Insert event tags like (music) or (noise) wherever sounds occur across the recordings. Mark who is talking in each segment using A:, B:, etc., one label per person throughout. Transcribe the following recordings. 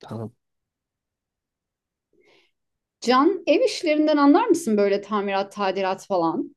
A: Tamam.
B: Can, ev işlerinden anlar mısın böyle tamirat, tadilat falan?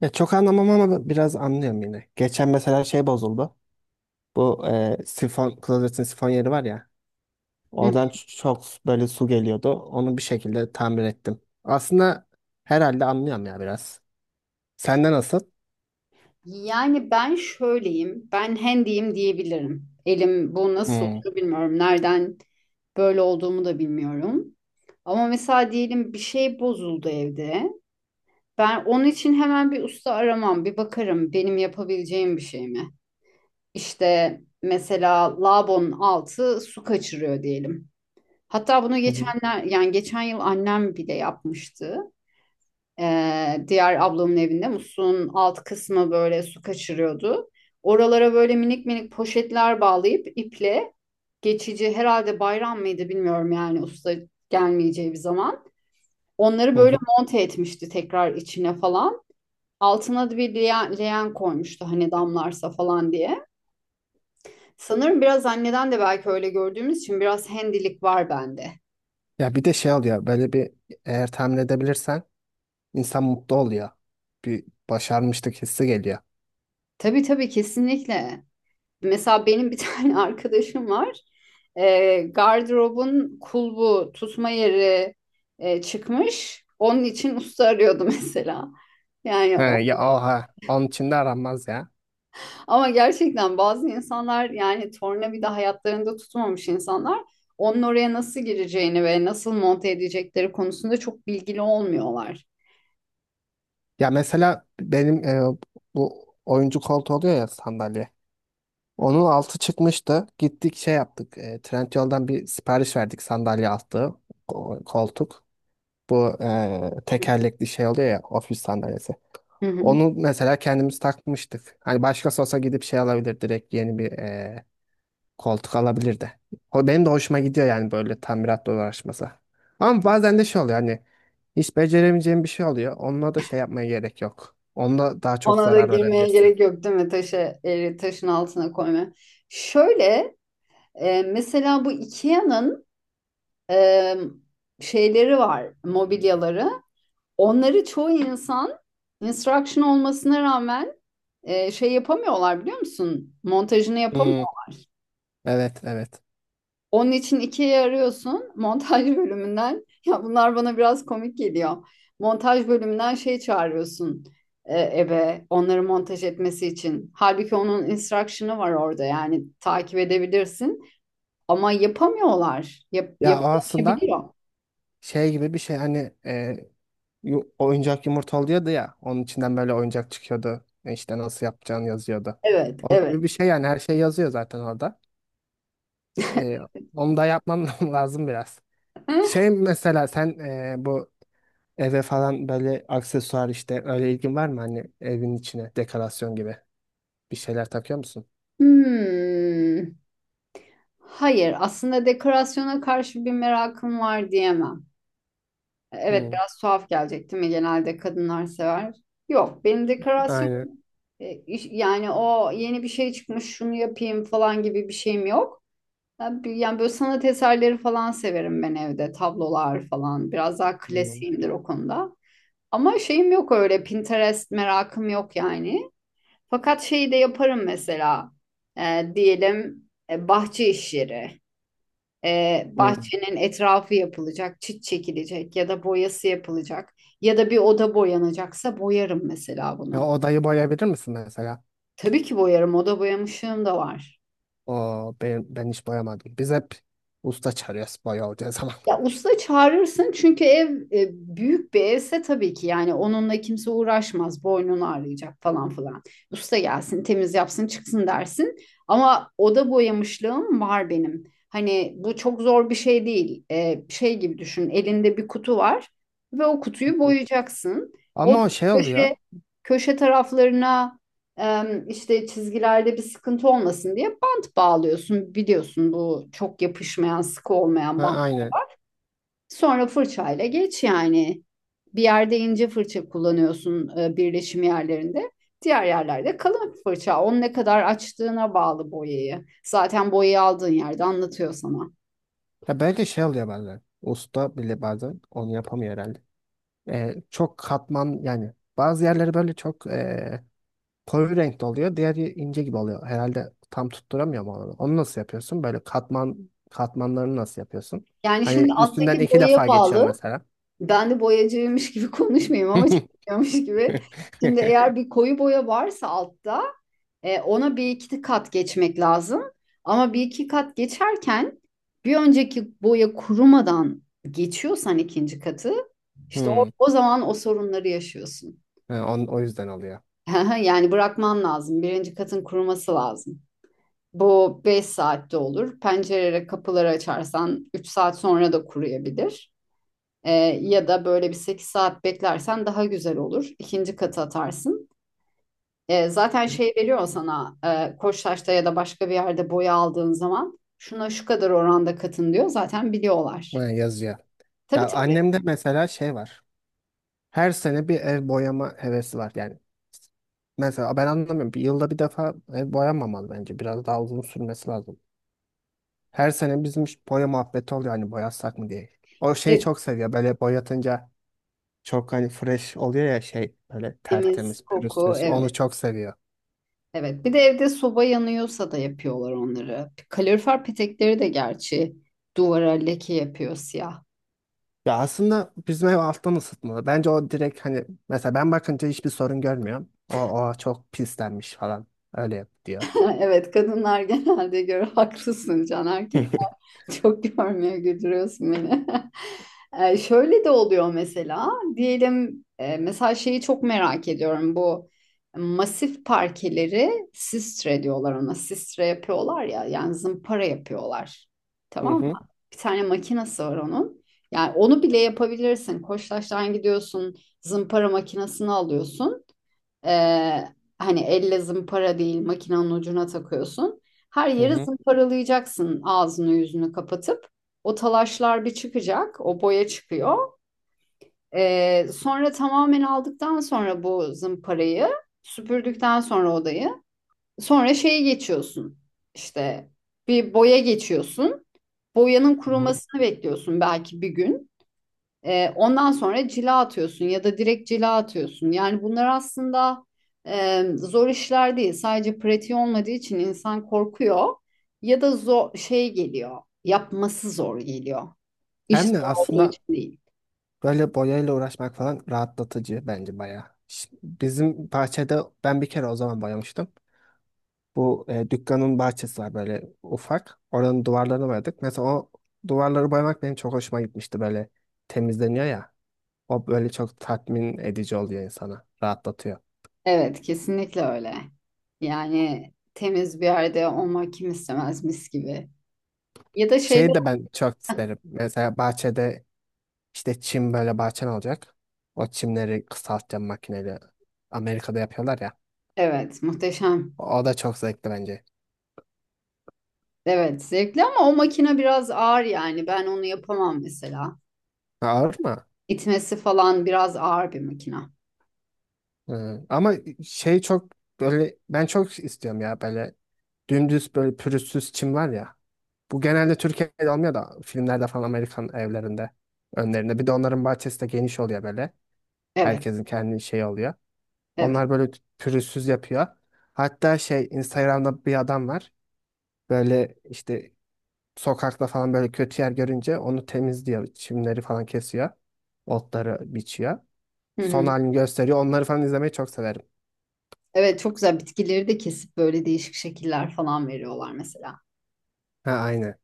A: Ya çok anlamam ama biraz anlıyorum yine. Geçen mesela şey bozuldu. Bu sifon, klozetin sifon yeri var ya.
B: Hı hı.
A: Oradan çok böyle su geliyordu. Onu bir şekilde tamir ettim. Aslında herhalde anlıyorum ya biraz. Sende nasıl?
B: Yani ben şöyleyim, ben hendiyim diyebilirim. Elim bu nasıl
A: Hmm.
B: oluyor bilmiyorum. Nereden böyle olduğumu da bilmiyorum. Ama mesela diyelim bir şey bozuldu evde. Ben onun için hemen bir usta aramam, bir bakarım benim yapabileceğim bir şey mi? İşte mesela lavabonun altı su kaçırıyor diyelim. Hatta bunu
A: Hı hı.
B: geçenler yani geçen yıl annem bile yapmıştı. Diğer ablamın evinde muslun alt kısmı böyle su kaçırıyordu. Oralara böyle minik minik poşetler bağlayıp iple geçici herhalde bayram mıydı bilmiyorum yani usta gelmeyeceği bir zaman. Onları
A: Hı
B: böyle
A: hı.
B: monte etmişti tekrar içine falan. Altına da bir leğen, leğen koymuştu hani damlarsa falan diye. Sanırım biraz anneden de belki öyle gördüğümüz için biraz hendilik var bende.
A: Ya bir de şey oluyor. Böyle bir eğer tamir edebilirsen İnsan mutlu oluyor. Bir başarmışlık hissi geliyor.
B: Tabii tabii kesinlikle. Mesela benim bir tane (laughs) arkadaşım var. Gardırobun kulbu, tutma yeri çıkmış. Onun için usta arıyordu (laughs) mesela. Yani
A: He,
B: o.
A: ya oha. Onun içinde de aranmaz ya.
B: Ama gerçekten bazı insanlar yani tornavida hayatlarında tutmamış insanlar onun oraya nasıl gireceğini ve nasıl monte edecekleri konusunda çok bilgili olmuyorlar.
A: Ya mesela benim bu oyuncu koltuğu oluyor ya sandalye. Onun altı çıkmıştı. Gittik şey yaptık. Trendyol'dan bir sipariş verdik sandalye altı. Koltuk. Bu tekerlekli şey oluyor ya ofis sandalyesi.
B: Hı hı.
A: Onu mesela kendimiz takmıştık. Hani başkası olsa gidip şey alabilir direkt yeni bir koltuk alabilirdi. O benim de hoşuma gidiyor yani böyle tamiratla uğraşması. Ama bazen de şey oluyor hani hiç beceremeyeceğim bir şey oluyor. Onunla da şey yapmaya gerek yok. Onunla daha çok
B: Ona da
A: zarar
B: girmeye
A: verebilirsin.
B: gerek yok değil mi? Taşı, taşın altına koyma. Şöyle mesela bu IKEA'nın e, şeyleri var, mobilyaları. Onları çoğu insan instruction olmasına rağmen şey yapamıyorlar biliyor musun? Montajını
A: Hmm.
B: yapamıyorlar.
A: Evet, evet.
B: Onun için ikiye arıyorsun montaj bölümünden. (laughs) Ya bunlar bana biraz komik geliyor. Montaj bölümünden şey çağırıyorsun eve onları montaj etmesi için. Halbuki onun instruction'ı var orada yani takip edebilirsin. Ama yapamıyorlar.
A: Ya o aslında
B: Yapılamayabiliyor.
A: şey gibi bir şey hani oyuncak yumurta oluyordu ya. Onun içinden böyle oyuncak çıkıyordu. E İşte nasıl yapacağını yazıyordu.
B: Evet,
A: O
B: evet.
A: gibi bir şey yani her şey yazıyor zaten orada.
B: (laughs)
A: E, onu da yapmam (laughs) lazım biraz. Şey mesela sen bu eve falan böyle aksesuar işte öyle ilgin var mı? Hani evin içine dekorasyon gibi bir şeyler takıyor musun?
B: Hmm. Hayır, aslında dekorasyona karşı bir merakım var diyemem. Evet,
A: Hı,
B: biraz tuhaf gelecek değil mi? Genelde kadınlar sever. Yok, benim dekorasyon
A: aynen.
B: Yani o yeni bir şey çıkmış şunu yapayım falan gibi bir şeyim yok. Yani böyle sanat eserleri falan severim ben evde. Tablolar falan. Biraz daha
A: Hı.
B: klasiğimdir o konuda. Ama şeyim yok öyle. Pinterest merakım yok yani. Fakat şeyi de yaparım mesela. Diyelim bahçe işleri.
A: Hı.
B: Bahçenin etrafı yapılacak, çit çekilecek ya da boyası yapılacak. Ya da bir oda boyanacaksa boyarım mesela
A: Ya
B: bunu.
A: odayı boyayabilir misin mesela?
B: Tabii ki boyarım. Oda boyamışlığım da var.
A: Aa, ben hiç boyamadım. Biz hep usta çağırıyoruz boya olacağı zaman.
B: Ya usta çağırırsın çünkü ev büyük bir evse tabii ki yani onunla kimse uğraşmaz. Boynunu ağrıyacak falan filan. Usta gelsin temiz yapsın çıksın dersin. Ama oda boyamışlığım var benim. Hani bu çok zor bir şey değil. Şey gibi düşün elinde bir kutu var ve o kutuyu
A: (laughs)
B: boyayacaksın. O
A: Ama o şey oluyor.
B: köşe, köşe taraflarına e, işte çizgilerde bir sıkıntı olmasın diye bant bağlıyorsun. Biliyorsun bu çok yapışmayan sıkı olmayan
A: Ha,
B: bant.
A: aynen.
B: Sonra fırçayla geç yani. Bir yerde ince fırça kullanıyorsun birleşim yerlerinde. Diğer yerlerde kalın fırça. Onu ne kadar açtığına bağlı boyayı. Zaten boyayı aldığın yerde anlatıyor sana.
A: Ya belki şey oluyor bazen. Usta bile bazen onu yapamıyor herhalde. Çok katman yani bazı yerleri böyle çok koyu renkte oluyor. Diğeri ince gibi oluyor. Herhalde tam tutturamıyor mu onu? Onu nasıl yapıyorsun? Böyle katman katmanlarını nasıl yapıyorsun?
B: Yani şimdi
A: Hani üstünden
B: alttaki
A: iki
B: boyaya
A: defa geçiyorum
B: bağlı.
A: mesela.
B: Ben de boyacıymış gibi (laughs) konuşmayayım ama
A: (laughs)
B: çalışıyormuş gibi. Şimdi eğer bir koyu boya varsa altta ona bir iki kat geçmek lazım. Ama bir iki kat geçerken bir önceki boya kurumadan geçiyorsan ikinci katı işte
A: Hmm.
B: o zaman o sorunları yaşıyorsun.
A: Ha, o yüzden oluyor.
B: (laughs) Yani bırakman lazım. Birinci katın kuruması lazım. Bu 5 saatte olur. Pencerelere kapıları açarsan 3 saat sonra da kuruyabilir. E, Ya da böyle bir 8 saat beklersen daha güzel olur. İkinci katı atarsın. Zaten şey veriyor sana Koçtaş'ta ya da başka bir yerde boya aldığın zaman şuna şu kadar oranda katın diyor. Zaten
A: Ha,
B: biliyorlar.
A: yazıyor.
B: Tabii
A: Ya
B: tabii.
A: annemde mesela şey var. Her sene bir ev boyama hevesi var. Yani mesela ben anlamıyorum. Bir yılda bir defa ev boyanmamalı bence. Biraz daha uzun sürmesi lazım. Her sene bizim boya muhabbeti oluyor hani boyasak mı diye. O şeyi
B: E,
A: çok seviyor. Böyle boyatınca çok hani fresh oluyor ya şey böyle
B: Temiz,
A: tertemiz,
B: koku
A: pürüzsüz.
B: evet.
A: Onu çok seviyor.
B: Evet. Bir de evde soba yanıyorsa da yapıyorlar onları. Kalorifer petekleri de gerçi duvara leke yapıyor siyah.
A: Ya aslında bizim ev alttan ısıtmalı. Bence o direkt hani mesela ben bakınca hiçbir sorun görmüyorum. O çok pislenmiş falan. Öyle yap diyor.
B: (laughs) Evet kadınlar genelde göre haklısın Can erkek.
A: (laughs)
B: Çok görmüyor güldürüyorsun beni. (laughs) Şöyle de oluyor mesela diyelim mesela şeyi çok merak ediyorum bu masif parkeleri sistre diyorlar ona sistre yapıyorlar ya yani zımpara yapıyorlar
A: Hı
B: tamam mı?
A: hı,
B: Bir tane makinesi var onun yani onu bile yapabilirsin Koçtaş'tan gidiyorsun zımpara makinesini alıyorsun, ee, hani elle zımpara değil makinenin ucuna takıyorsun. Her
A: hı
B: yeri
A: hı,
B: zımparalayacaksın ağzını yüzünü kapatıp. O talaşlar bir çıkacak, o boya çıkıyor. Sonra tamamen aldıktan sonra bu zımparayı süpürdükten sonra odayı sonra şeye geçiyorsun. İşte bir boya geçiyorsun. Boyanın
A: hı hı.
B: kurumasını bekliyorsun belki bir gün. Ondan sonra cila atıyorsun ya da direkt cila atıyorsun. Yani bunlar aslında zor işler değil. Sadece pratiği olmadığı için insan korkuyor ya da zor şey geliyor. Yapması zor geliyor. İş
A: Hem de
B: zor olduğu
A: aslında
B: için değil.
A: böyle boyayla uğraşmak falan rahatlatıcı bence bayağı. Bizim bahçede ben bir kere o zaman boyamıştım. Bu dükkanın bahçesi var böyle ufak. Oranın duvarlarını boyadık. Mesela o duvarları boyamak benim çok hoşuma gitmişti böyle temizleniyor ya. O böyle çok tatmin edici oluyor insana. Rahatlatıyor.
B: Evet, kesinlikle öyle. Yani temiz bir yerde olmak kim istemez mis gibi. Ya da
A: Şeyi
B: şeyler,
A: de ben çok isterim. Mesela bahçede işte çim böyle bahçen olacak. O çimleri kısaltacağım makineyle. Amerika'da yapıyorlar ya.
B: evet, muhteşem.
A: O da çok zevkli bence.
B: Evet, zevkli ama o makine biraz ağır yani. Ben onu yapamam mesela.
A: Ha, ağır mı?
B: İtmesi falan biraz ağır bir makina.
A: Hı. Ama şey çok böyle ben çok istiyorum ya böyle dümdüz böyle pürüzsüz çim var ya. Bu genelde Türkiye'de olmuyor da filmlerde falan Amerikan evlerinde önlerinde. Bir de onların bahçesi de geniş oluyor böyle.
B: Evet,
A: Herkesin kendi şeyi oluyor.
B: evet.
A: Onlar böyle pürüzsüz yapıyor. Hatta şey Instagram'da bir adam var. Böyle işte sokakta falan böyle kötü yer görünce onu temizliyor. Çimleri falan kesiyor. Otları biçiyor.
B: Hı
A: Son
B: hı.
A: halini gösteriyor. Onları falan izlemeyi çok severim.
B: Evet, çok güzel bitkileri de kesip böyle değişik şekiller falan veriyorlar mesela.
A: Ha aynı.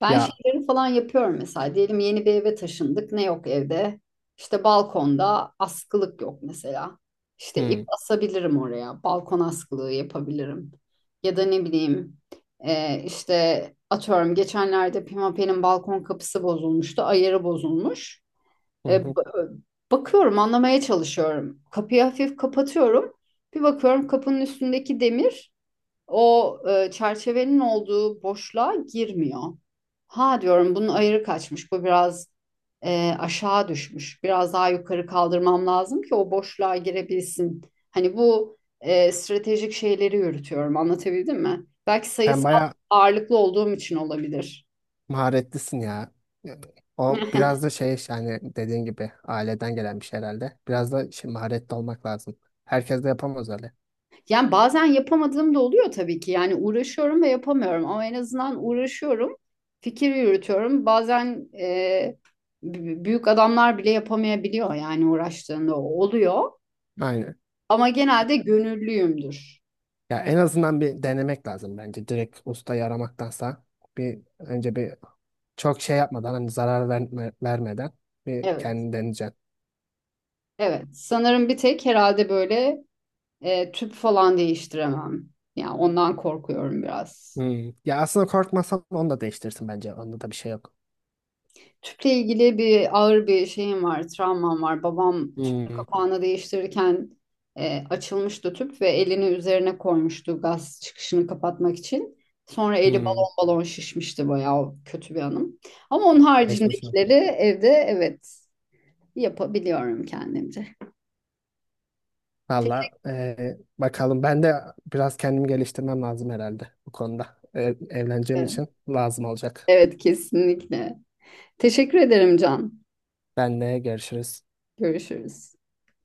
B: Ben
A: Ya.
B: şeyleri falan yapıyorum mesela. Diyelim yeni bir eve taşındık. Ne yok evde? İşte balkonda askılık yok mesela. İşte ip
A: Hmm.
B: asabilirim oraya. Balkon askılığı yapabilirim. Ya da ne bileyim işte atıyorum geçenlerde Pimapen'in balkon kapısı bozulmuştu. Ayarı bozulmuş.
A: Hı
B: E,
A: hı.
B: ba- bakıyorum anlamaya çalışıyorum. Kapıyı hafif kapatıyorum. Bir bakıyorum kapının üstündeki demir çerçevenin olduğu boşluğa girmiyor. Ha diyorum bunun ayarı kaçmış. Bu biraz aşağı düşmüş. Biraz daha yukarı kaldırmam lazım ki o boşluğa girebilsin. Hani bu stratejik şeyleri yürütüyorum. Anlatabildim mi? Belki
A: Sen
B: sayısal
A: bayağı
B: ağırlıklı olduğum için olabilir.
A: maharetlisin ya. Yani o biraz da şey yani dediğin gibi aileden gelen bir şey herhalde. Biraz da şey, maharetli olmak lazım. Herkes de yapamaz öyle.
B: Yani bazen yapamadığım da oluyor tabii ki. Yani uğraşıyorum ve yapamıyorum ama en azından uğraşıyorum. Fikir yürütüyorum. Bazen büyük adamlar bile yapamayabiliyor yani uğraştığında o oluyor.
A: Aynen.
B: Ama genelde gönüllüyümdür.
A: Ya en azından bir denemek lazım bence. Direkt ustayı aramaktansa bir önce bir çok şey yapmadan hani vermeden bir
B: Evet.
A: kendini deneyeceksin.
B: Evet. Sanırım bir tek herhalde böyle tüp falan değiştiremem. Yani ondan korkuyorum biraz.
A: Hmm, ya aslında korkmasan onu da değiştirsin bence. Onda da bir şey yok.
B: Tüple ilgili bir ağır bir şeyim var, travmam var. Babam tüpün
A: Hmm,
B: kapağını değiştirirken açılmıştı tüp ve elini üzerine koymuştu gaz çıkışını kapatmak için. Sonra eli
A: hmm.
B: balon balon şişmişti bayağı kötü bir anım. Ama onun
A: Geçmiş
B: haricindekileri
A: olsun.
B: evde evet yapabiliyorum kendimce.
A: Valla
B: Teşekkür
A: bakalım ben de biraz kendimi geliştirmem lazım herhalde bu konuda. Evleneceğim
B: ederim.
A: için lazım olacak.
B: Evet kesinlikle. Teşekkür ederim Can.
A: Benle görüşürüz.
B: Görüşürüz.